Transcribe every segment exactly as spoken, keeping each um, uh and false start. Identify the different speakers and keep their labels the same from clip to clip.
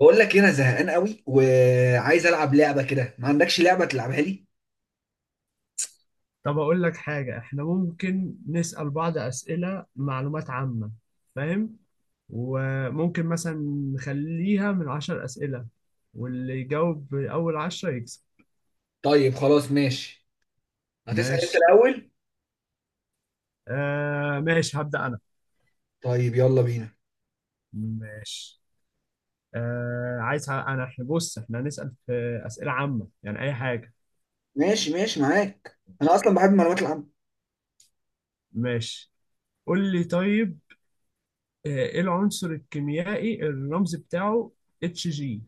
Speaker 1: بقول لك إيه، انا زهقان قوي وعايز العب لعبه كده ما عندكش لعبه تلعبها لي.
Speaker 2: طب أقول لك حاجة، إحنا ممكن نسأل بعض أسئلة معلومات عامة. فاهم؟ وممكن مثلا نخليها من عشر أسئلة، واللي يجاوب أول عشرة يكسب.
Speaker 1: طيب خلاص ماشي. هتسال انت
Speaker 2: ماشي.
Speaker 1: الاول؟
Speaker 2: آه ماشي، هبدأ أنا.
Speaker 1: طيب يلا بينا.
Speaker 2: ماشي. آه عايز ه- أنا إحنا بص، إحنا هنسأل في أسئلة عامة، يعني أي حاجة.
Speaker 1: ماشي ماشي معاك، انا اصلا بحب المعلومات العامه.
Speaker 2: ماشي. قول لي طيب. آه، إيه العنصر الكيميائي الرمز بتاعه اتش جي؟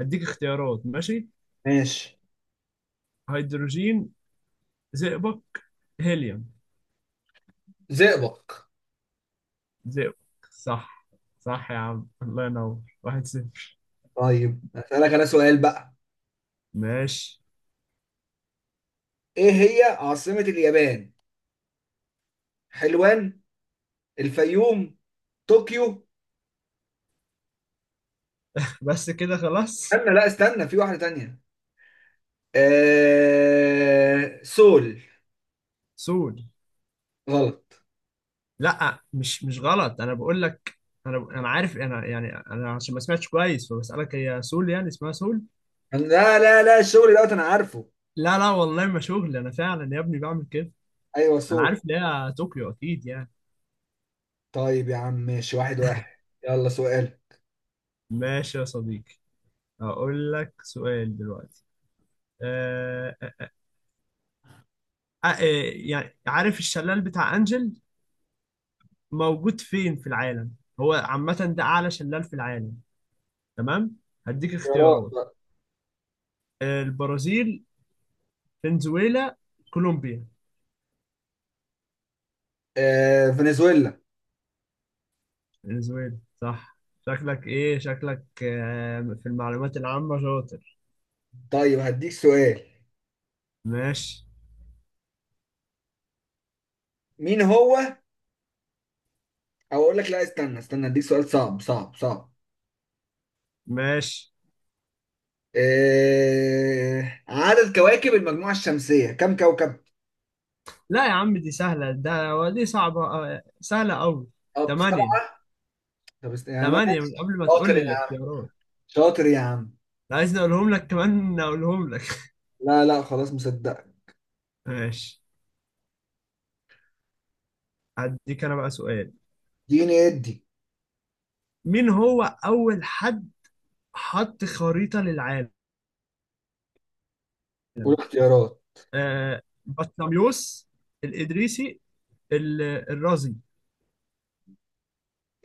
Speaker 2: هديك اختيارات، ماشي.
Speaker 1: ماشي.
Speaker 2: هيدروجين، زئبق، هيليوم.
Speaker 1: زئبق.
Speaker 2: زئبق. صح. صح يا عم، الله ينور. واحد صفر.
Speaker 1: طيب اسالك انا سؤال بقى.
Speaker 2: ماشي.
Speaker 1: ايه هي عاصمه اليابان؟ حلوان. الفيوم. طوكيو.
Speaker 2: بس كده خلاص.
Speaker 1: استنى، لا استنى، في واحده تانية. آه... سول.
Speaker 2: سود.
Speaker 1: غلط.
Speaker 2: لا، مش مش غلط، انا بقول لك. انا انا عارف، انا يعني انا عشان ما سمعتش كويس فبسألك، هي سول يعني اسمها سول؟
Speaker 1: لا لا لا، الشغل دوت، انا عارفه.
Speaker 2: لا لا، والله ما شغل، انا فعلا يا ابني بعمل كده.
Speaker 1: ايوه
Speaker 2: انا
Speaker 1: سول.
Speaker 2: عارف ان هي طوكيو اكيد يعني.
Speaker 1: طيب يا عم ماشي، واحد واحد. يلا سؤال.
Speaker 2: ماشي يا صديقي. اقول لك سؤال دلوقتي. أه أه آه، يعني عارف الشلال بتاع انجل موجود فين في العالم؟ هو عامة ده أعلى شلال في العالم. تمام، هديك
Speaker 1: اختيارات
Speaker 2: اختيارات.
Speaker 1: بقى.
Speaker 2: البرازيل، فنزويلا، كولومبيا.
Speaker 1: آه، فنزويلا.
Speaker 2: فنزويلا. صح. شكلك إيه، شكلك آه، في المعلومات العامة شاطر.
Speaker 1: طيب هديك سؤال.
Speaker 2: ماشي.
Speaker 1: مين هو، او اقول لك لا، استنى استنى، هديك سؤال صعب صعب صعب.
Speaker 2: ماشي.
Speaker 1: آه، عدد كواكب المجموعة الشمسية كم كوكب؟
Speaker 2: لا يا عم دي سهلة ده، دي صعبة، آه، سهلة أوي.
Speaker 1: طب سبعة.
Speaker 2: تمانية.
Speaker 1: طب است- يا عم.
Speaker 2: تمانية من قبل ما تقول
Speaker 1: شاطر
Speaker 2: لي
Speaker 1: يا عم.
Speaker 2: الاختيارات.
Speaker 1: شاطر يا عم.
Speaker 2: لا، عايز أقولهم لك، كمان أقولهم لك.
Speaker 1: لا لا خلاص، مصدق.
Speaker 2: ماشي. هديك أنا بقى سؤال.
Speaker 1: اديني ادي
Speaker 2: مين هو أول حد حط خريطة للعالم؟
Speaker 1: قول اختيارات.
Speaker 2: آه، بطليموس، الإدريسي، ال- الرازي.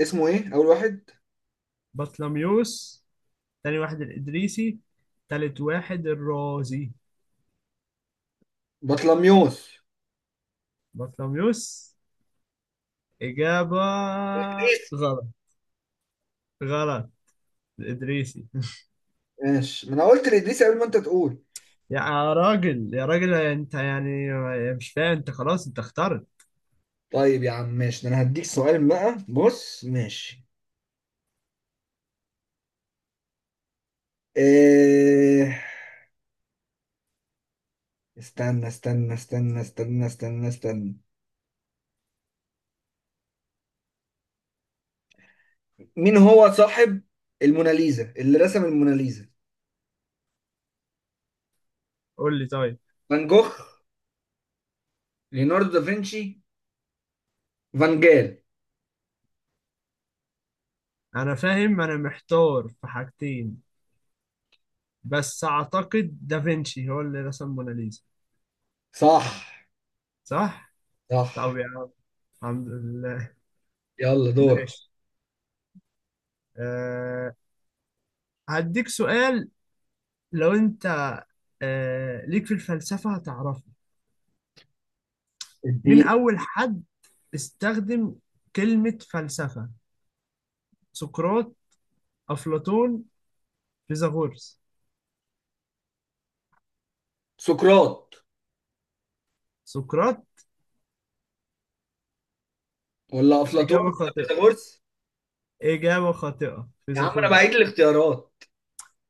Speaker 1: اسمه ايه اول واحد؟
Speaker 2: بطليموس. تاني واحد الإدريسي، تالت واحد الرازي.
Speaker 1: بطلميوس.
Speaker 2: بطليموس إجابة.
Speaker 1: إدريس.
Speaker 2: غلط، غلط. الإدريسي.
Speaker 1: ماشي، ما انا قلت لادريس قبل ما انت تقول.
Speaker 2: يا راجل، يا راجل أنت يعني مش فاهم؟ أنت خلاص أنت اخترت.
Speaker 1: طيب يا عم ماشي، ده انا هديك سؤال بقى، بص ماشي. إيه... استنى استنى استنى استنى استنى استنى. مين هو صاحب الموناليزا، اللي رسم الموناليزا؟
Speaker 2: قول لي طيب.
Speaker 1: فان جوخ. ليوناردو دافنشي. فان جال.
Speaker 2: أنا فاهم، أنا محتار في حاجتين، بس أعتقد دافنشي هو اللي رسم موناليزا.
Speaker 1: صح.
Speaker 2: صح؟
Speaker 1: صح.
Speaker 2: طب يا، الحمد لله.
Speaker 1: يلا دورك.
Speaker 2: ماشي. أه. هديك سؤال. لو انت أه ليك في الفلسفة هتعرفه. مين
Speaker 1: اديني.
Speaker 2: أول حد استخدم كلمة فلسفة؟ سقراط، أفلاطون، فيثاغورس.
Speaker 1: سقراط.
Speaker 2: سقراط.
Speaker 1: ولا افلاطون
Speaker 2: إجابة
Speaker 1: ولا
Speaker 2: خاطئة،
Speaker 1: فيثاغورس.
Speaker 2: إجابة خاطئة،
Speaker 1: يا عم انا بعيد
Speaker 2: فيثاغورس.
Speaker 1: الاختيارات.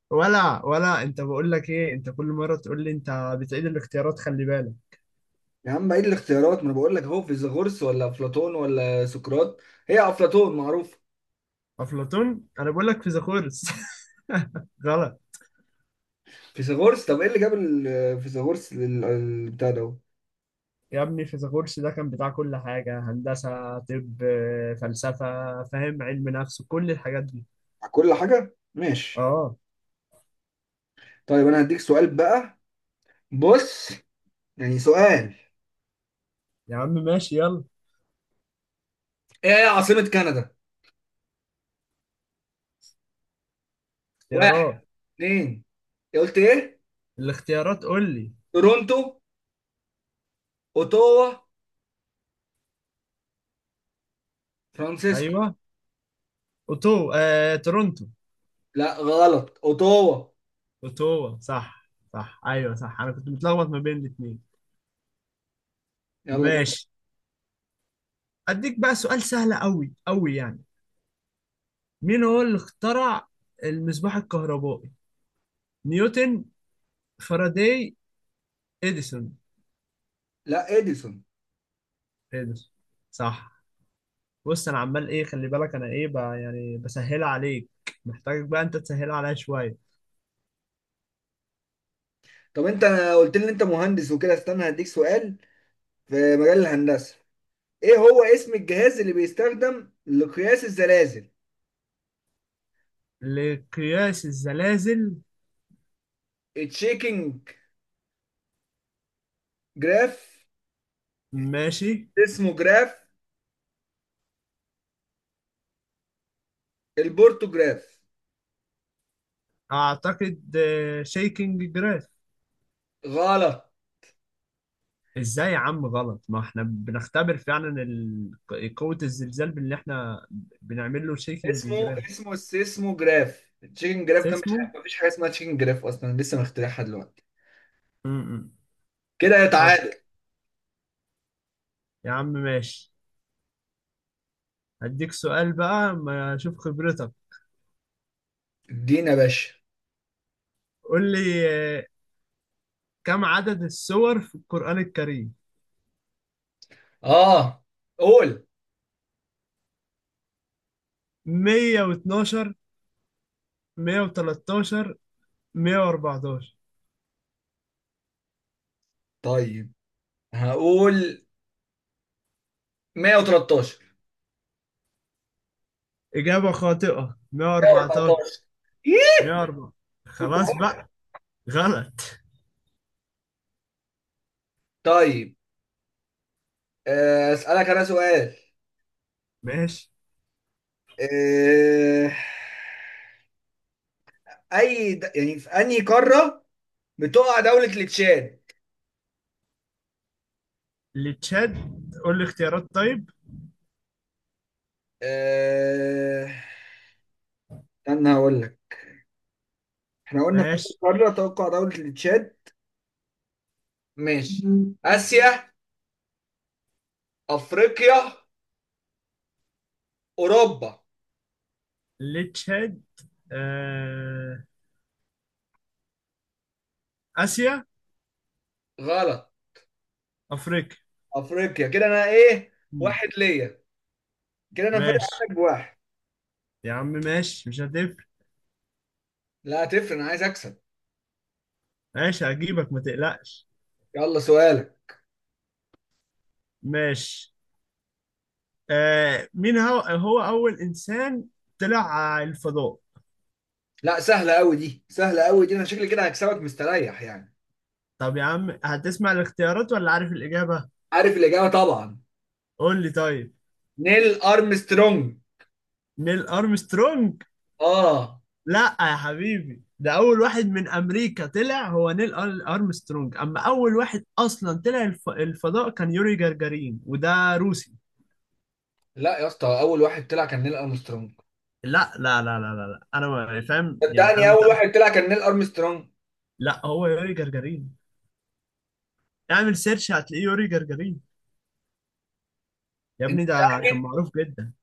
Speaker 2: ولا ولا أنت بقول لك إيه، أنت كل مرة تقول لي أنت بتعيد الاختيارات، خلي بالك.
Speaker 1: يا عم بعيد الاختيارات، ما انا بقول لك اهو، فيثاغورس ولا افلاطون ولا سقراط. هي افلاطون معروف.
Speaker 2: أفلاطون؟ أنا بقول لك فيثاغورس. غلط.
Speaker 1: فيثاغورس، طب ايه اللي جاب ال- فيثاغورس لل- البتاع ده؟
Speaker 2: يا ابني فيثاغورس ده كان بتاع كل حاجة، هندسة، طب، فلسفة، فاهم، علم نفس، كل الحاجات دي.
Speaker 1: على كل حاجة ماشي.
Speaker 2: اه.
Speaker 1: طيب انا هديك سؤال بقى، بص، يعني سؤال.
Speaker 2: يا عم ماشي، يلا.
Speaker 1: ايه هي عاصمة كندا؟ واحد.
Speaker 2: اختيارات.
Speaker 1: اتنين. إيه قلت ايه؟
Speaker 2: الاختيارات قول لي.
Speaker 1: تورونتو. اوتاوا. فرانسيسكو.
Speaker 2: ايوه. اوتو آه، تورونتو.
Speaker 1: لا غلط، اوتاوا.
Speaker 2: اوتوا صح، صح، ايوه صح، انا كنت متلخبط ما بين الاثنين.
Speaker 1: يلا دور.
Speaker 2: ماشي. اديك بقى سؤال سهل قوي قوي يعني. مين هو اللي اخترع المصباح الكهربائي؟ نيوتن، فاراداي، اديسون.
Speaker 1: لا، اديسون.
Speaker 2: اديسون. صح. بص انا عمال ايه، خلي بالك انا ايه بقى، يعني بسهلها عليك، محتاجك بقى انت تسهلها عليا شويه.
Speaker 1: طب انت قلت لي ان انت مهندس وكده، استنى هديك سؤال. في مجال الهندسة، ايه هو اسم الجهاز اللي بيستخدم لقياس الزلازل؟
Speaker 2: لقياس الزلازل.
Speaker 1: التشيكينج جراف.
Speaker 2: ماشي.
Speaker 1: اسمه جراف. البورتوجراف.
Speaker 2: اعتقد شيكنج جراف.
Speaker 1: غلط.
Speaker 2: ازاي يا عم غلط، ما احنا بنختبر فعلا ال- قوه الزلزال، باللي احنا بنعمل له شيكنج
Speaker 1: اسمه
Speaker 2: جراف.
Speaker 1: اسمه السيسموجراف، التشيكن جراف ده مش
Speaker 2: اسمه
Speaker 1: حاجة، مفيش حاجة اسمها تشيكن جراف أصلا، لسه مخترعها دلوقتي.
Speaker 2: امم
Speaker 1: كده يا
Speaker 2: خلاص
Speaker 1: تعادل.
Speaker 2: يا عم ماشي. هديك سؤال بقى ما اشوف خبرتك.
Speaker 1: ادينا يا باشا.
Speaker 2: قول لي. آه، كم عدد السور في القرآن الكريم؟
Speaker 1: اه قول.
Speaker 2: مية واثناشر، مئة وثلاثة عشر، مية واربعتاشر.
Speaker 1: طيب هقول مية وتلتاشر.
Speaker 2: إجابة خاطئة. مئة وأربعة عشر.
Speaker 1: مية واربعتاشر. إيه؟
Speaker 2: مئة وأربعة.
Speaker 1: كنت
Speaker 2: خلاص
Speaker 1: هقول-
Speaker 2: بقى. غلط.
Speaker 1: طيب. آه، أسألك أنا سؤال.
Speaker 2: ماشي.
Speaker 1: آه، أي د... يعني في أنهي قارة بتقع دولة التشاد؟
Speaker 2: لتشاد. قول لي اختيارات طيب.
Speaker 1: آه، استنى هقول لك. احنا قلنا في اول
Speaker 2: ماشي.
Speaker 1: قاره توقع دوله التشاد. ماشي. مم. اسيا. افريقيا. اوروبا.
Speaker 2: لتشاد. آه... آسيا.
Speaker 1: غلط.
Speaker 2: أفريقيا.
Speaker 1: افريقيا، كده انا ايه؟
Speaker 2: مم.
Speaker 1: واحد ليا. كده انا فارق
Speaker 2: ماشي
Speaker 1: عنك بواحد.
Speaker 2: يا عم ماشي مش هتفرق.
Speaker 1: لا هتفرق، انا عايز اكسب.
Speaker 2: ماشي هجيبك ما تقلقش.
Speaker 1: يلا سؤالك.
Speaker 2: ماشي. آه... مين هو هو أول إنسان طلع على الفضاء؟
Speaker 1: لا سهله قوي دي، سهله قوي دي، انا شكلي كده هكسبك مستريح يعني.
Speaker 2: طب يا عم هتسمع الاختيارات ولا عارف الإجابة؟
Speaker 1: عارف الاجابه طبعا.
Speaker 2: قول لي طيب.
Speaker 1: نيل ارمسترونج.
Speaker 2: نيل ارمسترونج.
Speaker 1: اه.
Speaker 2: لا يا حبيبي، ده اول واحد من امريكا طلع هو نيل أر- ارمسترونج، اما اول واحد اصلا طلع الف... الفضاء كان يوري جagarin، وده روسي.
Speaker 1: لا يا اسطى، اول واحد طلع كان نيل ارمسترونج.
Speaker 2: لا لا لا لا لا، لا. انا ما يعني، فاهم يعني انا
Speaker 1: صدقني اول
Speaker 2: متأكد.
Speaker 1: واحد طلع كان نيل ارمسترونج.
Speaker 2: لا هو يوري جagarin. اعمل سيرش هتلاقيه يوري جagarin. يا
Speaker 1: انت
Speaker 2: ابني ده كان
Speaker 1: متاكد؟
Speaker 2: معروف جدا.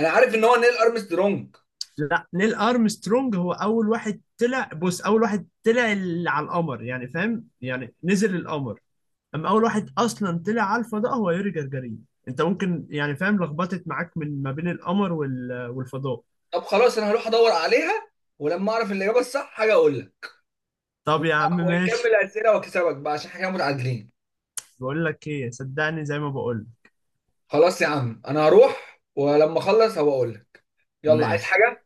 Speaker 1: انا عارف ان هو نيل ارمسترونج.
Speaker 2: لا، نيل ارمسترونج هو اول واحد طلع، بص، اول واحد طلع ال- على القمر، يعني فاهم، يعني نزل القمر. اما اول واحد اصلا طلع الفا ده هو يوري جرجرين. انت ممكن يعني فاهم لخبطت معاك من ما بين القمر وال... والفضاء.
Speaker 1: طب خلاص انا هروح ادور عليها. ولما اعرف الاجابه الصح حاجه اقول لك.
Speaker 2: طب
Speaker 1: ون-
Speaker 2: يا عم
Speaker 1: ونكمل
Speaker 2: ماشي.
Speaker 1: اسئله واكسبك بقى، عشان احنا كده متعادلين.
Speaker 2: بقول لك ايه، صدقني زي ما بقول.
Speaker 1: خلاص يا عم، انا هروح ولما اخلص هبقى اقول لك. يلا عايز
Speaker 2: ماشي
Speaker 1: حاجه؟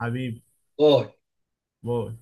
Speaker 2: حبيبي.
Speaker 1: باي.
Speaker 2: باي.